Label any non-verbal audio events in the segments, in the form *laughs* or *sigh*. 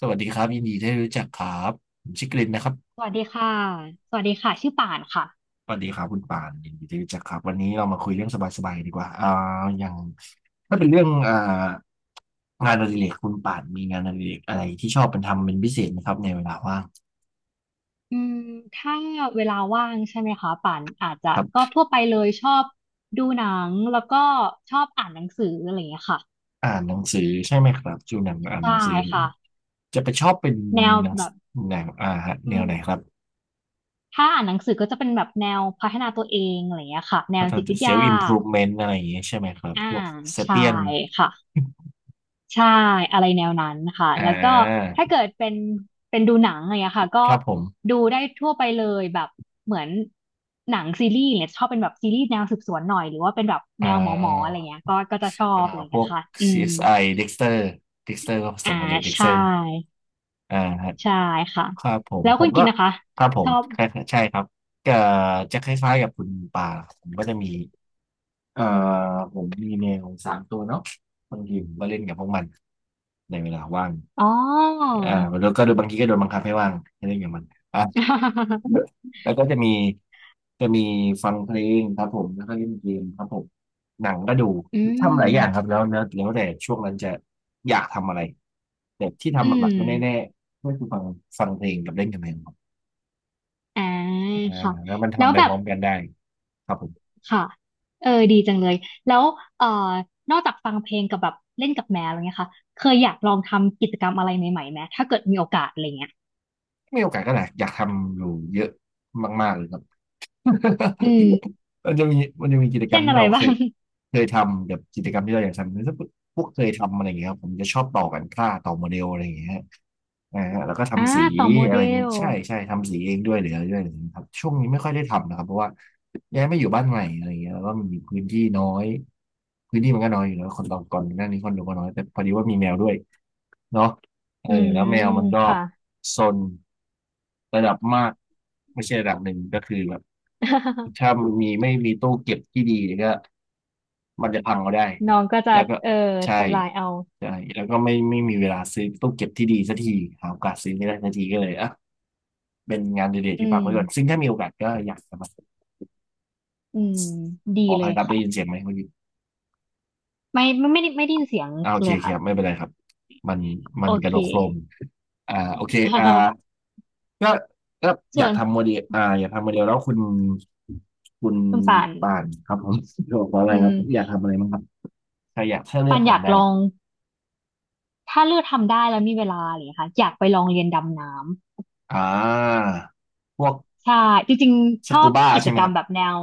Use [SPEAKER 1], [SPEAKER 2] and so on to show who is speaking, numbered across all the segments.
[SPEAKER 1] สวัสดีครับยินดีที่ได้รู้จักครับผมชื่อกลินนะครับ
[SPEAKER 2] สวัสดีค่ะสวัสดีค่ะ ชื่อป่านค่ะ
[SPEAKER 1] สวัสดีครับคุณปานยินดีที่ได้รู้จักครับวันนี้เรามาคุยเรื่องสบายๆดีกว่าอ่าอย่างถ้าเป็นเรื่องงานอดิเรกคุณปานมีงานอดิเรกอะไรที่ชอบเป็นทำเป็นพิเศษไหมครับในเวลาว่าง
[SPEAKER 2] อืมถ้าเวลาว่างใช่ไหมคะป่านอาจจะ
[SPEAKER 1] ครั
[SPEAKER 2] ก็
[SPEAKER 1] บ
[SPEAKER 2] ทั่วไปเลยชอบดูหนังแล้วก็ชอบอ่านหนังสืออะไรอย่างเงี้ยค่ะ
[SPEAKER 1] อ่านหนังสือใช่ไหมครับจูหนังอ่านห
[SPEAKER 2] ใช่
[SPEAKER 1] นังสือ
[SPEAKER 2] ค่ะ
[SPEAKER 1] จะไปชอบเป็น
[SPEAKER 2] แนว
[SPEAKER 1] หนัง
[SPEAKER 2] แบบ
[SPEAKER 1] หนังฮะแน
[SPEAKER 2] อื
[SPEAKER 1] ว
[SPEAKER 2] ม
[SPEAKER 1] ไหนครับ
[SPEAKER 2] ถ้าอ่านหนังสือก็จะเป็นแบบแนวพัฒนาตัวเองอะไรอย่างเงี้ยค่ะแน
[SPEAKER 1] ก็
[SPEAKER 2] วจิต
[SPEAKER 1] จะ
[SPEAKER 2] วิท
[SPEAKER 1] เซล
[SPEAKER 2] ยา
[SPEAKER 1] ฟ์อิมพรูฟเมนต์อะไรอย่างเงี้ยใช่ไหมครับ
[SPEAKER 2] อ่า
[SPEAKER 1] พวกเซ
[SPEAKER 2] ใช่
[SPEAKER 1] เปียน
[SPEAKER 2] ค่ะ ใช่อะไรแนวนั้นค่ะ
[SPEAKER 1] อ่
[SPEAKER 2] แล้วก็
[SPEAKER 1] า
[SPEAKER 2] ถ้าเกิดเป็นเป็นดูหนังอะไรอย่างเงี้ยค่ะก็
[SPEAKER 1] ครับผม
[SPEAKER 2] ดูได้ทั่วไปเลยแบบเหมือนหนังซีรีส์เนี่ยชอบเป็นแบบซีรีส์แนวสืบสวนหน่อยหรือว่าเป็นแบบ
[SPEAKER 1] อ่
[SPEAKER 2] แนวหมอหมออะไร
[SPEAKER 1] า
[SPEAKER 2] เงี้ยก็ก็จะชอ
[SPEAKER 1] อ่า
[SPEAKER 2] บอะไร
[SPEAKER 1] พ
[SPEAKER 2] เงี้
[SPEAKER 1] ว
[SPEAKER 2] ย
[SPEAKER 1] ก
[SPEAKER 2] ค่ะอืม
[SPEAKER 1] CSI Dexter Dexter ก็ผส
[SPEAKER 2] อ่า
[SPEAKER 1] มกัเลย
[SPEAKER 2] ใช่
[SPEAKER 1] Dexter อ่าฮะ
[SPEAKER 2] ใช่ค่ะ
[SPEAKER 1] ครับผม
[SPEAKER 2] แล้ว
[SPEAKER 1] ผ
[SPEAKER 2] คุ
[SPEAKER 1] ม
[SPEAKER 2] ณกิ
[SPEAKER 1] ก็
[SPEAKER 2] นนะคะ
[SPEAKER 1] ครับผ
[SPEAKER 2] ช
[SPEAKER 1] ม
[SPEAKER 2] อบ
[SPEAKER 1] ใช่ใช่ครับก็จะคล้ายๆกับคุณป่าผมก็จะมีเอ่อผมมีแมว3 ตัวเนาะบางทีผมก็เล่นกับพวกมันในเวลาว่าง
[SPEAKER 2] อ๋อ
[SPEAKER 1] อ่าแล้วก็โดยบางทีก็โดนบังคับให้ว่างให้เล่นกับมัน
[SPEAKER 2] *laughs*
[SPEAKER 1] *laughs* แล้วก็จะมีฟังเพลงครับผมแล้วก็เล่นเกมครับผมหนังก็ดู
[SPEAKER 2] อื
[SPEAKER 1] ทำหลายอย่างครับ
[SPEAKER 2] ม
[SPEAKER 1] แล้วแต่ช่วงนั้นจะอยากทำอะไรแต่ที่
[SPEAKER 2] อื
[SPEAKER 1] ทำห
[SPEAKER 2] ม
[SPEAKER 1] ลักๆก็แน่ๆก็คือฟังเพลงกับเล่นกับเพลงครับ
[SPEAKER 2] อ่า
[SPEAKER 1] อ่า
[SPEAKER 2] ค่ะ
[SPEAKER 1] แล้วมัน
[SPEAKER 2] แล้
[SPEAKER 1] ทำ
[SPEAKER 2] ว
[SPEAKER 1] ไป
[SPEAKER 2] แบ
[SPEAKER 1] พ
[SPEAKER 2] บ
[SPEAKER 1] ร้อมกันได้ครับผม
[SPEAKER 2] ค่ะเออดีจังเลยแล้วเอ่อนอกจากฟังเพลงกับแบบเล่นกับแมวอะไรเงี้ยค่ะเคยอยากลองทำกิจกรรมอะไรใหม่ๆไหมถ้าเกิดมีโอกาสอะไรเงี้ย
[SPEAKER 1] มีโอกาสก็แหลายอยากทำอยู่เยอะมากๆเลยครับ
[SPEAKER 2] อืม
[SPEAKER 1] *laughs* มันจะมีกิจกร
[SPEAKER 2] เช่
[SPEAKER 1] ร
[SPEAKER 2] น
[SPEAKER 1] ม
[SPEAKER 2] อะ
[SPEAKER 1] ที่
[SPEAKER 2] ไร
[SPEAKER 1] เราเค
[SPEAKER 2] บ้าง
[SPEAKER 1] ยเคยทำกับกิจกรรมที่เราอยากทำถ้าพวกเคยทำอะไรอย่างเงี้ยครับผมจะชอบต่อกันค่าต่อโมเดลอะไรอย่างเงี้ยฮะฮะแล้วก็
[SPEAKER 2] อ่า
[SPEAKER 1] ทำสี
[SPEAKER 2] ต่อโม
[SPEAKER 1] อะ
[SPEAKER 2] เด
[SPEAKER 1] ไรอย่างงี้
[SPEAKER 2] ล
[SPEAKER 1] ใช่ใช่ทำสีเองด้วยหรืออะไรด้วยอะไรอย่างเงี้ยครับช่วงนี้ไม่ค่อยได้ทำนะครับเพราะว่าย้ายมาอยู่บ้านใหม่อะไรอย่างเงี้ยแล้วก็มีพื้นที่น้อยพื้นที่มันก็น้อยอยู่แล้วคนเราก่อนหน้านี้คนเรวก็น้อยแต่พอดีว่ามีแมวด้วยเนาะเออ
[SPEAKER 2] อื
[SPEAKER 1] แล้
[SPEAKER 2] ม
[SPEAKER 1] วแมวมันก็
[SPEAKER 2] ค่ะ
[SPEAKER 1] ซนระดับมากไม่ใช่ระดับหนึ่งก็คือแบบ
[SPEAKER 2] *laughs*
[SPEAKER 1] ถ้ามันมีไม่มีตู้เก็บที่ดีก็มันจะพังก็ได้
[SPEAKER 2] น้องก็จะ
[SPEAKER 1] แล้วก็
[SPEAKER 2] เออ
[SPEAKER 1] ใช่
[SPEAKER 2] ทำลายเอา
[SPEAKER 1] ใช่แล้วก็ไม่มีเวลาซื้อตู้เก็บที่ดีสักทีหาโอกาสซื้อไม่ได้สักทีก็เลยอ่ะเป็นงานเดเลก
[SPEAKER 2] อื
[SPEAKER 1] ที่พัก
[SPEAKER 2] ม
[SPEAKER 1] ไว้ก่อนซึ่งถ้ามีโอกาสก็อยากจะมา
[SPEAKER 2] อืมดี
[SPEAKER 1] ขออ
[SPEAKER 2] เล
[SPEAKER 1] ภั
[SPEAKER 2] ย
[SPEAKER 1] ยครับได้ยิน
[SPEAKER 2] ค่ะ
[SPEAKER 1] เสียงไหมเมื่อกี้
[SPEAKER 2] ไม่ไม่ไม่ได้ไม่ได้ยินเสียง
[SPEAKER 1] โอเค
[SPEAKER 2] เลย
[SPEAKER 1] โอเค
[SPEAKER 2] ค่ะ
[SPEAKER 1] ครับไม่เป็นไรครับมันมั
[SPEAKER 2] โอ
[SPEAKER 1] นกระ
[SPEAKER 2] เค
[SPEAKER 1] โดดโครมโอเคก็ก็
[SPEAKER 2] *laughs*
[SPEAKER 1] อ
[SPEAKER 2] ส่
[SPEAKER 1] ยา
[SPEAKER 2] ว
[SPEAKER 1] ก
[SPEAKER 2] น
[SPEAKER 1] ทำโมเดลอยากทำโมเดลแล้วคุณ
[SPEAKER 2] คุณป่าน
[SPEAKER 1] ป่านครับผม *laughs* บอกว่าอะไร
[SPEAKER 2] อื
[SPEAKER 1] ครับอยาก
[SPEAKER 2] ม
[SPEAKER 1] ทำอะไรบ้างครับถ้าเลือ
[SPEAKER 2] ปั
[SPEAKER 1] ก
[SPEAKER 2] นอยาก
[SPEAKER 1] ทำได้
[SPEAKER 2] ลอง ถ้าเลือกทำได้แล้วมีเวลาอะไรอย่างเลยค่ะอยากไปลองเรียนดำน้ำ
[SPEAKER 1] อ่าพวก
[SPEAKER 2] ใช่จริง
[SPEAKER 1] ส
[SPEAKER 2] ๆชอ
[SPEAKER 1] กู
[SPEAKER 2] บ
[SPEAKER 1] บ้า
[SPEAKER 2] กิ
[SPEAKER 1] ใช่
[SPEAKER 2] จ
[SPEAKER 1] ไหม
[SPEAKER 2] กร
[SPEAKER 1] ค
[SPEAKER 2] รม
[SPEAKER 1] รับ
[SPEAKER 2] แบบแนว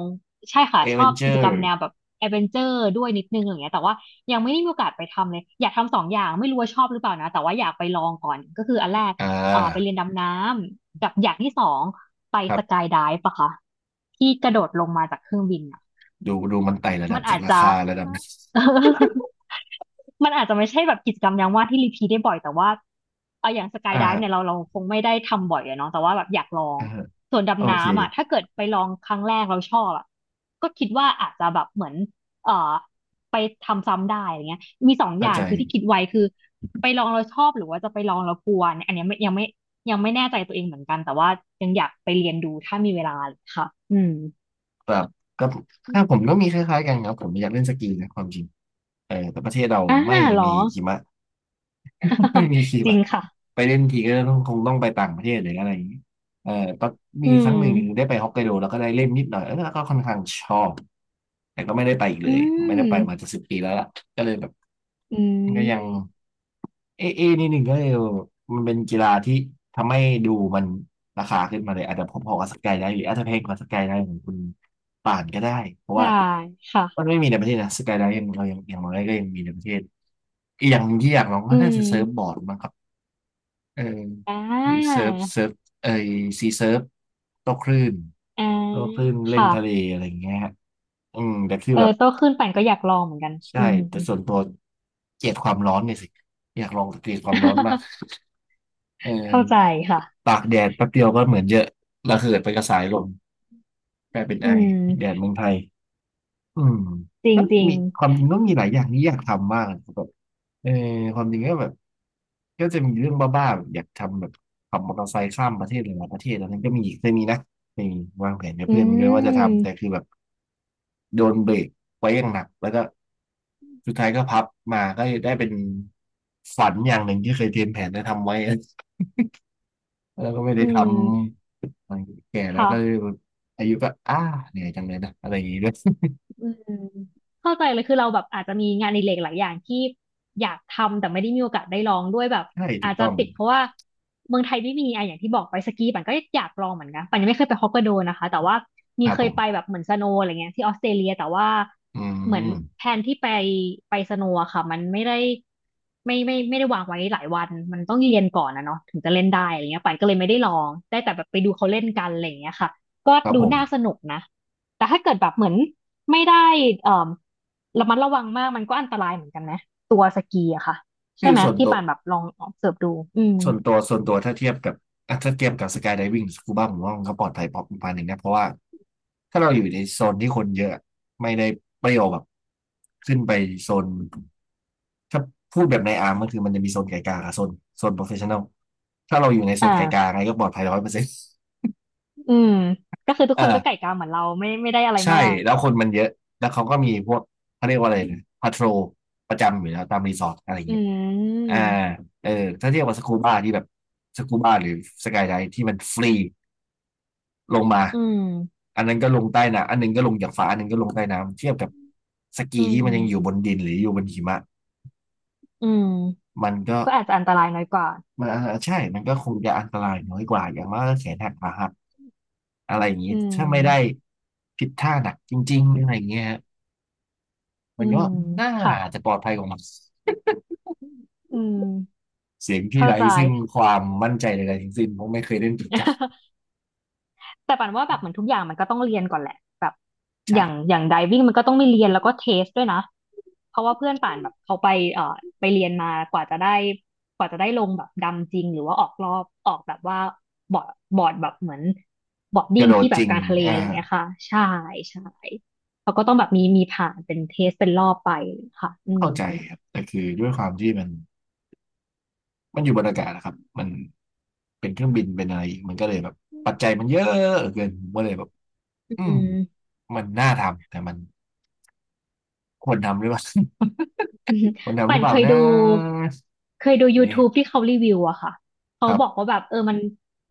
[SPEAKER 2] ใช่ค่ะ
[SPEAKER 1] เอ
[SPEAKER 2] ช
[SPEAKER 1] เว
[SPEAKER 2] อ
[SPEAKER 1] น
[SPEAKER 2] บ
[SPEAKER 1] เจ
[SPEAKER 2] กิ
[SPEAKER 1] อ
[SPEAKER 2] จกรรม
[SPEAKER 1] ร์
[SPEAKER 2] แนวแบบแอดเวนเจอร์ด้วยนิดนึงอะไรอย่างเงี้ยแต่ว่ายังไม่ได้มีโอกาสไปทำเลยอยากทำสองอย่างไม่รู้ว่าชอบหรือเปล่านะแต่ว่าอยากไปลองก่อนก็คืออันแรก
[SPEAKER 1] อ่
[SPEAKER 2] ไปเรี
[SPEAKER 1] า
[SPEAKER 2] ยนดำน้ำกับอย่างที่สองไป
[SPEAKER 1] ครั
[SPEAKER 2] สกา
[SPEAKER 1] บ
[SPEAKER 2] ยไดฟ์ปะคะที่กระโดดลงมาจากเครื่องบินอะ
[SPEAKER 1] ดูดูมันไต่ระดั
[SPEAKER 2] มั
[SPEAKER 1] บ
[SPEAKER 2] น
[SPEAKER 1] จา
[SPEAKER 2] อา
[SPEAKER 1] ก
[SPEAKER 2] จ
[SPEAKER 1] รา
[SPEAKER 2] จะ
[SPEAKER 1] คาระดับ
[SPEAKER 2] *laughs* มันอาจจะไม่ใช่แบบกิจกรรมยามว่างที่รีพีทได้บ่อยแต่ว่าเอาอย่างส
[SPEAKER 1] *laughs*
[SPEAKER 2] กาย
[SPEAKER 1] อ่า
[SPEAKER 2] ไดฟ์เนี่ยเรา
[SPEAKER 1] ฮะ
[SPEAKER 2] เราคงไม่ได้ทำบ่อยอะเนาะแต่ว่าแบบอยากลอง
[SPEAKER 1] อ่าฮะ
[SPEAKER 2] ส่วน
[SPEAKER 1] โอ
[SPEAKER 2] ดำ
[SPEAKER 1] เค
[SPEAKER 2] น้ำอ่ะถ้าเกิดไปลองครั้งแรกเราชอบอะก็คิดว่าอาจจะแบบเหมือนเอ่อไปทำซ้ำได้อะไรเงี้ยมีสองอ
[SPEAKER 1] เข้า
[SPEAKER 2] ย่าง
[SPEAKER 1] ใจ
[SPEAKER 2] คือที่คิดไว้คือไปลองเราชอบหรือว่าจะไปลองเรากลัวเนี่ยอันเนี้ยไม่ยังไม่ยังไม่แน่ใจตัวเองเหมือนกันแต่ว่ายังอยากไปเรียนดูถ้ามีเวลาค่ะอืม
[SPEAKER 1] แบบก็ถ้าผมก็มีคล้ายๆกันครับผมอยากเล่นสกีนะความจริงเออแต่ประเทศเรา
[SPEAKER 2] อ่า
[SPEAKER 1] ไม่
[SPEAKER 2] เหรอ
[SPEAKER 1] มีหิมะ ไม่มีคลิ
[SPEAKER 2] *laughs*
[SPEAKER 1] ป
[SPEAKER 2] จริง
[SPEAKER 1] อะ
[SPEAKER 2] ค่ะ
[SPEAKER 1] ไปเล่นทีก็ต้องคงต้องไปต่างประเทศหรืออะไรอย่างนี้เออตอนมี
[SPEAKER 2] อื
[SPEAKER 1] ครั้
[SPEAKER 2] ม
[SPEAKER 1] งหนึ่งได้ไปฮอกไกโดแล้วก็ได้เล่นนิดหน่อยเออแล้วก็ค่อนข้างชอบแต่ก็ไม่ได้ไปอีกเล
[SPEAKER 2] อื
[SPEAKER 1] ยไม่
[SPEAKER 2] ม
[SPEAKER 1] ได้ไปมาจะ10 ปีแล้วล่ะก็เลยแบบ
[SPEAKER 2] อื
[SPEAKER 1] ก็ยัง
[SPEAKER 2] ม
[SPEAKER 1] เอเอนิดหนึ่งก็เลยมันเป็นกีฬาที่ทำให้ดูมันราคาขึ้นมาเลยอาจจะพอๆกับสกายได้หรืออาจจะแพงกว่าสกายได้ของคุณป่านก็ได้เพราะ
[SPEAKER 2] ได้
[SPEAKER 1] ว่า
[SPEAKER 2] ค่ะ
[SPEAKER 1] มันไม่มีในประเทศนะสกายได้ยังเรายังอย่างไรก็ยังมีในประเทศอีกอย่างที่อยากลอง
[SPEAKER 2] อื
[SPEAKER 1] ก็น่า
[SPEAKER 2] ม
[SPEAKER 1] จะเซิร์ฟบอร์ดมั้งครับเออ
[SPEAKER 2] อ่
[SPEAKER 1] หรือ
[SPEAKER 2] า
[SPEAKER 1] เซิร์ฟเออซีเซิร์ฟโต้คลื่น
[SPEAKER 2] อ่า
[SPEAKER 1] โต้คลื่นเล่น
[SPEAKER 2] ค่ะ
[SPEAKER 1] ทะเลอะไรอย่างเงี้ยฮะอืมแต่คือ
[SPEAKER 2] เออ
[SPEAKER 1] แบบ
[SPEAKER 2] โตขึ้นปั่นก็อยากลองเหมือนกัน
[SPEAKER 1] ใช่
[SPEAKER 2] อืม
[SPEAKER 1] แต่ส่วนตัวเกลียดความร้อนเนี่ยสิอยากลองเกลียดความร้อนมาก
[SPEAKER 2] *laughs*
[SPEAKER 1] เออ
[SPEAKER 2] เข้าใจค่ะ
[SPEAKER 1] ตากแดดแป๊บเดียวก็เหมือนเยอะระเหิดไปกระสายลมกลายเป็น
[SPEAKER 2] อื
[SPEAKER 1] ไอ
[SPEAKER 2] ม
[SPEAKER 1] แดดเมืองไทยอืม
[SPEAKER 2] จริง
[SPEAKER 1] ก็
[SPEAKER 2] จริง
[SPEAKER 1] มีความจริงก็มีหลายอย่างที่อยากทำมากนะครับแบบเออความจริงก็แบบก็จะมีเรื่องบ้าๆแบบอยากทำแบบขับมอเตอร์ไซค์ข้ามประเทศหลายๆประเทศอันนั้นก็มีเคยมีนะเคยมีวางแผนกับ
[SPEAKER 2] อื
[SPEAKER 1] เพื่อนไว้ด้วยว่าจะทำแต่
[SPEAKER 2] ม
[SPEAKER 1] คือแบบโดนเบรกไว้อย่างหนักแล้วก็สุดท้ายก็พับมาก็ได้เป็นฝันอย่างหนึ่งที่เคยเตรียมแผนจะทำไว้ แล้วก็ไม่ได้
[SPEAKER 2] อื
[SPEAKER 1] ท
[SPEAKER 2] ม
[SPEAKER 1] ำมันแก่แล้ว
[SPEAKER 2] ค่ะ
[SPEAKER 1] ก็เลยอายุก็อ้าเหนื่อยจังเลยนะอะไรอย่างนี้ด้วย
[SPEAKER 2] อืมเข้าใจเลยคือเราแบบอาจจะมีงานอดิเรกหลายอย่างที่อยากทำแต่ไม่ได้มีโอกาสได้ลองด้วยแบบ
[SPEAKER 1] *laughs* ใช่ถู
[SPEAKER 2] อา
[SPEAKER 1] ก
[SPEAKER 2] จจะ
[SPEAKER 1] ต้อง
[SPEAKER 2] ติดเพราะว่าเมืองไทยไม่มีอ่ะอย่างที่บอกไปสกีปั่นก็อยากลองเหมือนกันปั่นยังไม่เคยไปฮอกไกโดนะคะแต่ว่า
[SPEAKER 1] ค
[SPEAKER 2] มี
[SPEAKER 1] รับ
[SPEAKER 2] เค
[SPEAKER 1] ผ
[SPEAKER 2] ยไปแบ
[SPEAKER 1] ม
[SPEAKER 2] บเหมือนสโนว์อะไรเงี้ยที่ออสเตรเลียแต่ว่า
[SPEAKER 1] อื
[SPEAKER 2] เหมือน
[SPEAKER 1] ม
[SPEAKER 2] แผนที่ไปไปสโนว์อะค่ะมันไม่ได้ไม่ไม่ไม่ได้วางไว้หลายวันมันต้องเรียนก่อนนะเนาะถึงจะเล่นได้อะไรเงี้ยปั่นก็เลยไม่ได้ลองได้แต่แบบไปดูเขาเล่นกันอะไรเงี้ยค่ะก็
[SPEAKER 1] ครับ
[SPEAKER 2] ดู
[SPEAKER 1] ผม
[SPEAKER 2] น่าสนุกนะแต่ถ้าเกิดแบบเหมือน ไม่ได้เอ่อระมัดระวังมากมันก็อันตรายเหมือนกันนะตัวสกีอะค่ะใช่
[SPEAKER 1] คือ
[SPEAKER 2] ไหม
[SPEAKER 1] ส่วน
[SPEAKER 2] ที่
[SPEAKER 1] ตัว
[SPEAKER 2] ป่านแบบลองเสิร์ฟดูอืม
[SPEAKER 1] ส่วนตัวส่วนตัวถ้าเทียบกับถ้าเทียบกับสกายได i วิ่งสกูบ้าผมว่ามันก็ปลอดภัยพอประมาณหนึ่งนะเพราะว่าถ้าเราอยู่ในโซนที่คนเยอะไม่ได้เปรี้ยวแบบขึ้นไปโซนถ้าพูดแบบในอาร์มก็คือมันจะมีโซนไกลกลางกับโซนโปรเฟชชั่นอลถ้าเราอยู่ในโซ
[SPEAKER 2] อ
[SPEAKER 1] นไกลกลาง
[SPEAKER 2] ่า
[SPEAKER 1] ไงก็ปลอดภัย100% *laughs*
[SPEAKER 2] อืมก็คือทุก
[SPEAKER 1] อ่า
[SPEAKER 2] คนก็ไก่กาเหมือนเราไม่ไม่ได้อะไร
[SPEAKER 1] ใช่
[SPEAKER 2] มาก
[SPEAKER 1] แล้วคนมันเยอะ แล้วเขาก็มีพวกเขาเรียกว่าอะไรนะพาโทรประจำอยู่แล้วตามรีสอร์ทอะไรอย่าง
[SPEAKER 2] อื
[SPEAKER 1] เงี้ยอ่า
[SPEAKER 2] ม
[SPEAKER 1] เออถ้าเทียบกับสกูบ้าที่แบบสกูบ้าหรือสกายไดที่มันฟรีลงมา
[SPEAKER 2] อืม
[SPEAKER 1] อันนั้นก็ลงใต้น้ำอันหนึงก็ลงจากฟ้าอันหนึงก็ลงใต้น้ำเทียบกับสกี
[SPEAKER 2] อื
[SPEAKER 1] ที่มันยังอยู่บ
[SPEAKER 2] ม
[SPEAKER 1] นดินหรืออยู่บนหิมะ
[SPEAKER 2] อืม
[SPEAKER 1] มันก็
[SPEAKER 2] ก็อาจจะอันตรายน้อยกว่า
[SPEAKER 1] มันใช่มันก็คงจะอันตรายน้อยกว่าอย่างมากก็แขนหักขาหักอะไรอย่างนี้
[SPEAKER 2] อื
[SPEAKER 1] ถ้าไม่ได้
[SPEAKER 2] ม
[SPEAKER 1] ผิดท่าหนักจริงๆอะไรอย่างเงี้ยฮะมั
[SPEAKER 2] อื
[SPEAKER 1] นก็
[SPEAKER 2] ม
[SPEAKER 1] น่า
[SPEAKER 2] ค่ะ
[SPEAKER 1] จะปลอดภัยกว่ามัน
[SPEAKER 2] อืม
[SPEAKER 1] เสียงที่
[SPEAKER 2] เข้า
[SPEAKER 1] ไร้
[SPEAKER 2] ใจ
[SPEAKER 1] ซึ่งความมั่นใจใดๆทั้งสิ้นเพราะไม่เคยเล่นจริงจัง
[SPEAKER 2] *laughs* แต่ปันว่าแบบเหมือนทุกอย่างมันก็ต้องเรียนก่อนแหละแบบอย่าง
[SPEAKER 1] ใช่
[SPEAKER 2] อย่างไดวิ่งมันก็ต้องมีเรียนแล้วก็เทสด้วยนะ เพราะว่าเพื่อนป่านแบบเขาไปเอ่อไปเรียนมากว่าจะได้กว่าจะได้ลงแบบดำจริงหรือว่าออกรอบออกแบบว่าบอร์ดบอร์ดแบบเหมือนบอร์ด
[SPEAKER 1] ก
[SPEAKER 2] ดิ้
[SPEAKER 1] ระ
[SPEAKER 2] ง
[SPEAKER 1] โดด
[SPEAKER 2] ที่แบ
[SPEAKER 1] จ
[SPEAKER 2] บ
[SPEAKER 1] ริง
[SPEAKER 2] กลางทะเล
[SPEAKER 1] อ่า
[SPEAKER 2] อะไรเงี้ยค่ะใช่ใช่เขาก็ต้องแบบมีมีผ่านเป็นเทสเป็นรอบไปค่ะอื
[SPEAKER 1] เข้า
[SPEAKER 2] ม
[SPEAKER 1] ใจครับแต่คือด้วยความที่มันอยู่บนอากาศนะครับมันเป็นเครื่องบินเป็นอะไรอีกมันก็เลยแบบปัจจัยมันเยอะเกินผมก็เลยแบบอื
[SPEAKER 2] อื
[SPEAKER 1] ม
[SPEAKER 2] ม
[SPEAKER 1] มันน่าทำแต่มันควรทำหรือเปล่า
[SPEAKER 2] อืม
[SPEAKER 1] *laughs* ควรทำห
[SPEAKER 2] ปั่
[SPEAKER 1] รือ
[SPEAKER 2] น
[SPEAKER 1] เป
[SPEAKER 2] เค
[SPEAKER 1] ล่า
[SPEAKER 2] ย
[SPEAKER 1] นะ
[SPEAKER 2] ดูเคยดู
[SPEAKER 1] นี่
[SPEAKER 2] YouTube ที่เขารีวิวอะค่ะ
[SPEAKER 1] ค
[SPEAKER 2] เขา
[SPEAKER 1] รับ
[SPEAKER 2] บอกว่าแบบเออมัน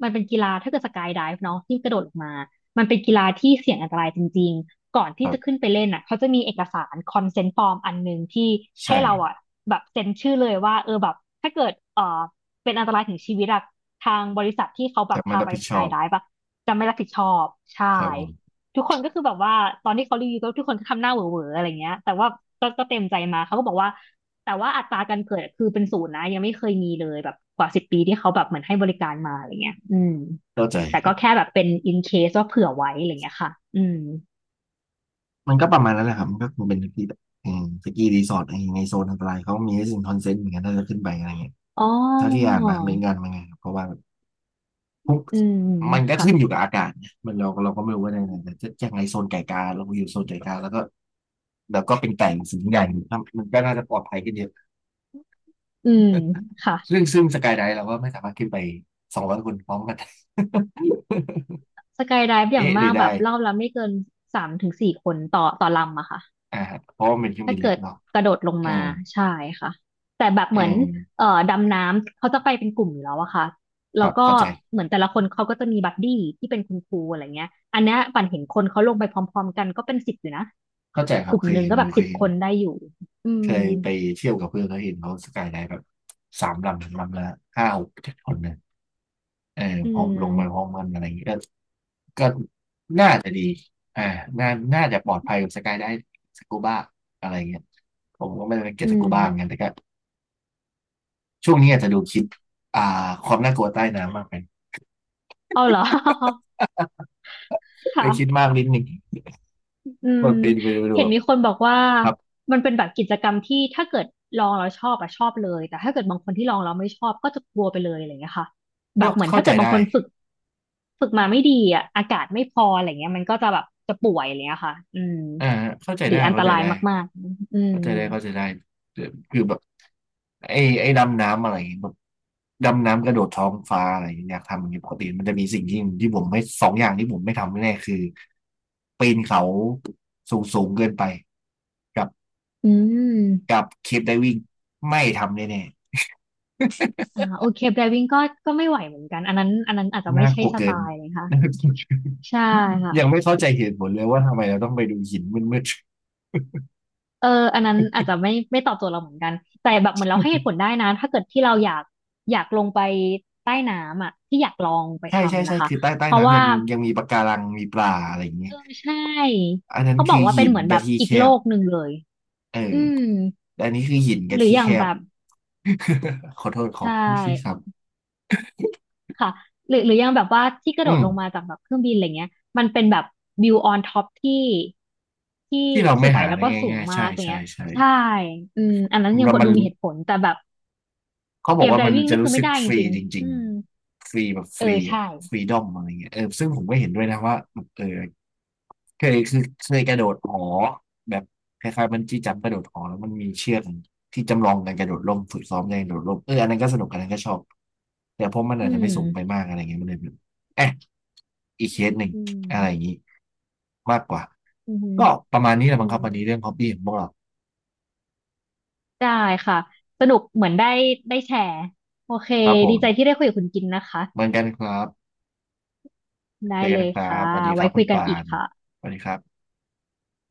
[SPEAKER 2] มันเป็นกีฬาถ้าเกิดสกายไดฟ์เนาะที่กระโดดลงมามันเป็นกีฬาที่เสี่ยงอันตรายจริงๆก่อน
[SPEAKER 1] ค
[SPEAKER 2] ที่
[SPEAKER 1] รั
[SPEAKER 2] จะขึ้น
[SPEAKER 1] บ
[SPEAKER 2] ไปเล่นอะเขาจะมีเอกสารคอนเซนต์ฟอร์มอันหนึ่งที่
[SPEAKER 1] ใช่
[SPEAKER 2] ให้เราอะแบบเซ็นชื่อเลยว่าเออแบบถ้าเกิดเป็นอันตรายถึงชีวิตอะทางบริษัทที่เขาแบ
[SPEAKER 1] แต่
[SPEAKER 2] บ
[SPEAKER 1] ไม่
[SPEAKER 2] พา
[SPEAKER 1] รับ
[SPEAKER 2] ไป
[SPEAKER 1] ผิด
[SPEAKER 2] ส
[SPEAKER 1] ชอ
[SPEAKER 2] กาย
[SPEAKER 1] บ
[SPEAKER 2] ไดฟ์อะจะไม่รับผิดชอบใช่
[SPEAKER 1] ครับผม
[SPEAKER 2] ทุกคนก็คือแบบว่าตอนที่เขารีวิวก็ทุกคนก็ทำหน้าเหวอๆอะไรเงี้ยแต่ว่าก็เต็มใจมาเขาก็บอกว่าแต่ว่าอัตราการเกิดคือเป็นศูนย์นะยังไม่เคยมีเลยแบบกว่า10 ปีที่เขาแบบเหมือนให้บริการมาอะไรเงี้ยอืม
[SPEAKER 1] เข้าใจ
[SPEAKER 2] แต่
[SPEAKER 1] ครั
[SPEAKER 2] ก็แค่
[SPEAKER 1] บ
[SPEAKER 2] แบบเป็น in case ว่าเผื่อไว้อะไรเงี้ยค่ะอืม
[SPEAKER 1] มันก็ประมาณนั้นแหละครับมันก็คงเป็นสกีแบบอืมสกีรีสอร์ทอะไรอย่างเงี้ยในโซนอันตรายเขามีให้สิ่งคอนเซนต์เหมือนกันถ้าจะขึ้นไปอะไรเงี้ย
[SPEAKER 2] อ๋
[SPEAKER 1] ถ้าที่อ่า
[SPEAKER 2] อ
[SPEAKER 1] นมาไม่งานมาไงครับเพราะว่าพวก
[SPEAKER 2] อืม
[SPEAKER 1] มันก็
[SPEAKER 2] ค่ะ
[SPEAKER 1] ขึ้นอยู่กับอากาศนะมันเราก็ไม่รู้ว่าในไหนแต่จะยังไงโซนไก่กาเราอยู่โซนไก่กาแล้วก็เป็นไก่สูงใหญ่ครับมันก็น่าจะปลอดภัยขึ้นเยอะ
[SPEAKER 2] อืมค่ะ
[SPEAKER 1] ซึ่งสกายไดฟ์เราก็ไม่สามารถขึ้นไป200 คนพร้อมกัน
[SPEAKER 2] สกายไดฟ์
[SPEAKER 1] *laughs*
[SPEAKER 2] อย่าง
[SPEAKER 1] เอ๊ะหรื
[SPEAKER 2] มา
[SPEAKER 1] อ
[SPEAKER 2] ก
[SPEAKER 1] ได้
[SPEAKER 2] แบบรอบละไม่เกิน3 ถึง 4 คนต่อลำอะค่ะ
[SPEAKER 1] อ่าเพราะว่ามันเป็นเครื่อง
[SPEAKER 2] ถ้า
[SPEAKER 1] บินเล็
[SPEAKER 2] เกิ
[SPEAKER 1] ก
[SPEAKER 2] ด
[SPEAKER 1] เนาะ
[SPEAKER 2] กระโดดลง
[SPEAKER 1] อื
[SPEAKER 2] มา
[SPEAKER 1] ม
[SPEAKER 2] ใช่ค่ะแต่แบบ
[SPEAKER 1] อื
[SPEAKER 2] เหมือน
[SPEAKER 1] ม
[SPEAKER 2] ดำน้ำเขาจะไปเป็นกลุ่มอยู่แล้วอะค่ะ
[SPEAKER 1] ค
[SPEAKER 2] แล้ว
[SPEAKER 1] รับ
[SPEAKER 2] ก็
[SPEAKER 1] เข้าใจ
[SPEAKER 2] เหมือนแต่ละคนเขาก็จะมีบัดดี้ที่เป็นคุณครูอะไรเงี้ยอันเนี้ยปั่นเห็นคนเขาลงไปพร้อมๆกันก็เป็นสิบอยู่นะ
[SPEAKER 1] เข้าใจค
[SPEAKER 2] ก
[SPEAKER 1] รับ
[SPEAKER 2] ลุ่ม
[SPEAKER 1] เคย
[SPEAKER 2] หนึ่ง
[SPEAKER 1] เห็น
[SPEAKER 2] ก็
[SPEAKER 1] อ
[SPEAKER 2] แบ
[SPEAKER 1] ยู่
[SPEAKER 2] บ
[SPEAKER 1] เค
[SPEAKER 2] สิ
[SPEAKER 1] ย
[SPEAKER 2] บ
[SPEAKER 1] เห็น
[SPEAKER 2] คนได้อยู่อื
[SPEAKER 1] เค
[SPEAKER 2] ม
[SPEAKER 1] ยไปเที่ยวกับเพื่อนเขาเห็นเขาสกายไดฟ์แบบสามลำลำละห้าหกเจ็ดคนเนี่ยเออ
[SPEAKER 2] อื
[SPEAKER 1] พร้อมลงไปพร้
[SPEAKER 2] ม
[SPEAKER 1] อมกันอะไรอย่างเงี้ยก็น่าจะดีอ่าน่าน่าจะปลอดภัยกับสกายไดฟ์สกูบ้าอะไรอย่างเงี้ยผมก็ไม่ได้เก็บ
[SPEAKER 2] อื
[SPEAKER 1] สกู
[SPEAKER 2] ม
[SPEAKER 1] บ้าเหมือนกันแต่ก็ช่วงนี้อาจจะดูคลิปอ่าความน่ากลัวใต้น้ำมากไป
[SPEAKER 2] อ๋อาเหรอ *laughs* ค่ะ
[SPEAKER 1] ได้คิดมากนิดหนึ่ง
[SPEAKER 2] อื
[SPEAKER 1] ก็
[SPEAKER 2] ม
[SPEAKER 1] เปดนไปดู
[SPEAKER 2] เห็
[SPEAKER 1] แบ
[SPEAKER 2] น
[SPEAKER 1] บ
[SPEAKER 2] มีคนบอกว่า
[SPEAKER 1] ครับ
[SPEAKER 2] มันเป็นแบบกิจกรรมที่ถ้าเกิดลองแล้วชอบอะชอบเลยแต่ถ้าเกิดบางคนที่ลองแล้วไม่ชอบก็จะกลัวไปเลยอะไรอย่างเงี้ยค่ะแบ
[SPEAKER 1] ก็
[SPEAKER 2] บเหมือน
[SPEAKER 1] เข้า
[SPEAKER 2] ถ้า
[SPEAKER 1] ใจ
[SPEAKER 2] เกิดบาง
[SPEAKER 1] ได้
[SPEAKER 2] คนฝึกฝึกมาไม่ดีอะอากาศไม่พออะไรเงี้ยมันก็จะแบบจะป่วยอะไรเงี้ยค่ะอืม
[SPEAKER 1] อ่าเข้าใจ
[SPEAKER 2] หรื
[SPEAKER 1] ได้
[SPEAKER 2] ออันต
[SPEAKER 1] เข้าใจ
[SPEAKER 2] ราย
[SPEAKER 1] ได้
[SPEAKER 2] มากๆอืม
[SPEAKER 1] เข้าใจได้เข้าใจได้คือแบบไอ้ดำน้ำอะไรอย่างเงี้ยแบบดำน้ำกระโดดท้องฟ้าอะไรอย่างเงี้ยอยากทำอย่างเงี้ยปกติมันจะมีสิ่งที่ที่ผมไม่สองอย่างที่ผมไม่ทำแน่ๆคือปีนเขาสูงสูงเกินไปกับ
[SPEAKER 2] อืม
[SPEAKER 1] กับเคปไดวิ่งไม่ทำแน่
[SPEAKER 2] อ่าโอเคไดวิ่งก็ก็ไม่ไหวเหมือนกันอันนั้นอันนั้นอาจจะ
[SPEAKER 1] ๆ
[SPEAKER 2] ไม่
[SPEAKER 1] น่า
[SPEAKER 2] ใช่
[SPEAKER 1] กลัว
[SPEAKER 2] ส
[SPEAKER 1] เกิ
[SPEAKER 2] ไต
[SPEAKER 1] น
[SPEAKER 2] ล์เลยค่ะ
[SPEAKER 1] *laughs* น่ากลัวเกิน
[SPEAKER 2] ใช่ค่ะ
[SPEAKER 1] ยังไม่เข้าใจเหตุผลเลยว่าทำไมเราต้องไปดูหินมืด
[SPEAKER 2] เอออันนั้นอาจจะไม่ไม่ตอบโจทย์เราเหมือนกันแต่แบบเหมือนเราให้เหตุผลได้นะถ้าเกิดที่เราอยากอยากลงไปใต้น้ำอ่ะที่อยากลองไป
[SPEAKER 1] ๆใช่ใช่
[SPEAKER 2] ทำ
[SPEAKER 1] ใช่
[SPEAKER 2] นะคะ
[SPEAKER 1] คือใต้
[SPEAKER 2] เพราะ
[SPEAKER 1] น้ำ
[SPEAKER 2] ว่า
[SPEAKER 1] ยังมีปะการังมีปลาอะไรอย่างเงี้
[SPEAKER 2] เอ
[SPEAKER 1] ย
[SPEAKER 2] อใช่
[SPEAKER 1] อันนั้น
[SPEAKER 2] เขาบอ
[SPEAKER 1] คื
[SPEAKER 2] ก
[SPEAKER 1] อ
[SPEAKER 2] ว่าเป็
[SPEAKER 1] หิ
[SPEAKER 2] น
[SPEAKER 1] น
[SPEAKER 2] เหมือนแบ
[SPEAKER 1] กับ
[SPEAKER 2] บ
[SPEAKER 1] ที่
[SPEAKER 2] อี
[SPEAKER 1] แค
[SPEAKER 2] กโล
[SPEAKER 1] บ
[SPEAKER 2] กหนึ่งเลย
[SPEAKER 1] เออ
[SPEAKER 2] อืม
[SPEAKER 1] แต่อันนี้คือหินกั
[SPEAKER 2] ห
[SPEAKER 1] บ
[SPEAKER 2] รือ
[SPEAKER 1] ที่
[SPEAKER 2] อ
[SPEAKER 1] แค
[SPEAKER 2] ย่างแบ
[SPEAKER 1] บ
[SPEAKER 2] บ
[SPEAKER 1] *laughs* ขอโทษขอ
[SPEAKER 2] ใช่
[SPEAKER 1] ที่ที่ครับ
[SPEAKER 2] ค่ะหรือหรืออย่างแบบว่าที่กระ
[SPEAKER 1] อื
[SPEAKER 2] โดด
[SPEAKER 1] ม
[SPEAKER 2] ลงมาจากแบบเครื่องบินอะไรเงี้ยมันเป็นแบบวิวออนท็อปที่ที่
[SPEAKER 1] ที่เรา
[SPEAKER 2] ส
[SPEAKER 1] ไม่
[SPEAKER 2] วย
[SPEAKER 1] หา
[SPEAKER 2] แล้ว
[SPEAKER 1] ได้
[SPEAKER 2] ก็สูง
[SPEAKER 1] ง่ายๆ
[SPEAKER 2] มา
[SPEAKER 1] ใช่
[SPEAKER 2] ก
[SPEAKER 1] ใช่
[SPEAKER 2] เงี้ย
[SPEAKER 1] ใช่
[SPEAKER 2] ใช่อืมอันนั้นยัง
[SPEAKER 1] แล้วมัน
[SPEAKER 2] ดูมีเหตุผลแต่แบบ
[SPEAKER 1] เขาบอ
[SPEAKER 2] เกี
[SPEAKER 1] ก
[SPEAKER 2] ยร
[SPEAKER 1] ว่า
[SPEAKER 2] ได
[SPEAKER 1] มัน
[SPEAKER 2] วิ่ง
[SPEAKER 1] จะ
[SPEAKER 2] นี่คื
[SPEAKER 1] รู้
[SPEAKER 2] อไม่
[SPEAKER 1] สึก
[SPEAKER 2] ได้
[SPEAKER 1] ฟ
[SPEAKER 2] จ
[SPEAKER 1] รี
[SPEAKER 2] ริง
[SPEAKER 1] จ
[SPEAKER 2] ๆ
[SPEAKER 1] ริง
[SPEAKER 2] อืม
[SPEAKER 1] ๆฟรีแบบฟ
[SPEAKER 2] เออ
[SPEAKER 1] รีอะ
[SPEAKER 2] ใช่
[SPEAKER 1] ฟรีดอมอะไรเงี้ยเออซึ่งผมก็เห็นด้วยนะว่าเออ เคยกระโดดหอแบบคล้ายๆบันจี้จัมป์กระโดดหอแล้วมันมีเชือกที่จำลองการกระโดดร่มฝึกซ้อมการกระโดดร่มเอออันนั้นก็สนุกอันนั้นก็ชอบแต่เพราะมัน
[SPEAKER 2] อื
[SPEAKER 1] อาจจะไม่สูงไป
[SPEAKER 2] ม
[SPEAKER 1] มากอะไรเงี้ยมันเลยแบบเอ๊ะอีกเคสหนึ่ง
[SPEAKER 2] อืม
[SPEAKER 1] อะไรอย่างนี้มากกว่า
[SPEAKER 2] อืม
[SPEAKER 1] ก็ประมาณนี้แหละ
[SPEAKER 2] อื
[SPEAKER 1] มั้งครั
[SPEAKER 2] ม
[SPEAKER 1] บวันนี้เรื่องฮอบบี้ของพวกเรา
[SPEAKER 2] ได้ค่ะ สนุกเหมือนได้ได้แชร์ โอเค
[SPEAKER 1] ครับผ
[SPEAKER 2] ดีใจ
[SPEAKER 1] ม
[SPEAKER 2] ที่ได้คุยกับคุณกินนะคะ
[SPEAKER 1] เหมือนกันครับเจ
[SPEAKER 2] ได้
[SPEAKER 1] อกั
[SPEAKER 2] เล
[SPEAKER 1] น
[SPEAKER 2] ย
[SPEAKER 1] ครับ
[SPEAKER 2] ค่ะ
[SPEAKER 1] สวัสดีค
[SPEAKER 2] ไว้
[SPEAKER 1] รับคุ
[SPEAKER 2] คุ
[SPEAKER 1] ณ
[SPEAKER 2] ยกัน
[SPEAKER 1] ปา
[SPEAKER 2] อีก
[SPEAKER 1] น
[SPEAKER 2] ค่ะ
[SPEAKER 1] สวัสดีครับ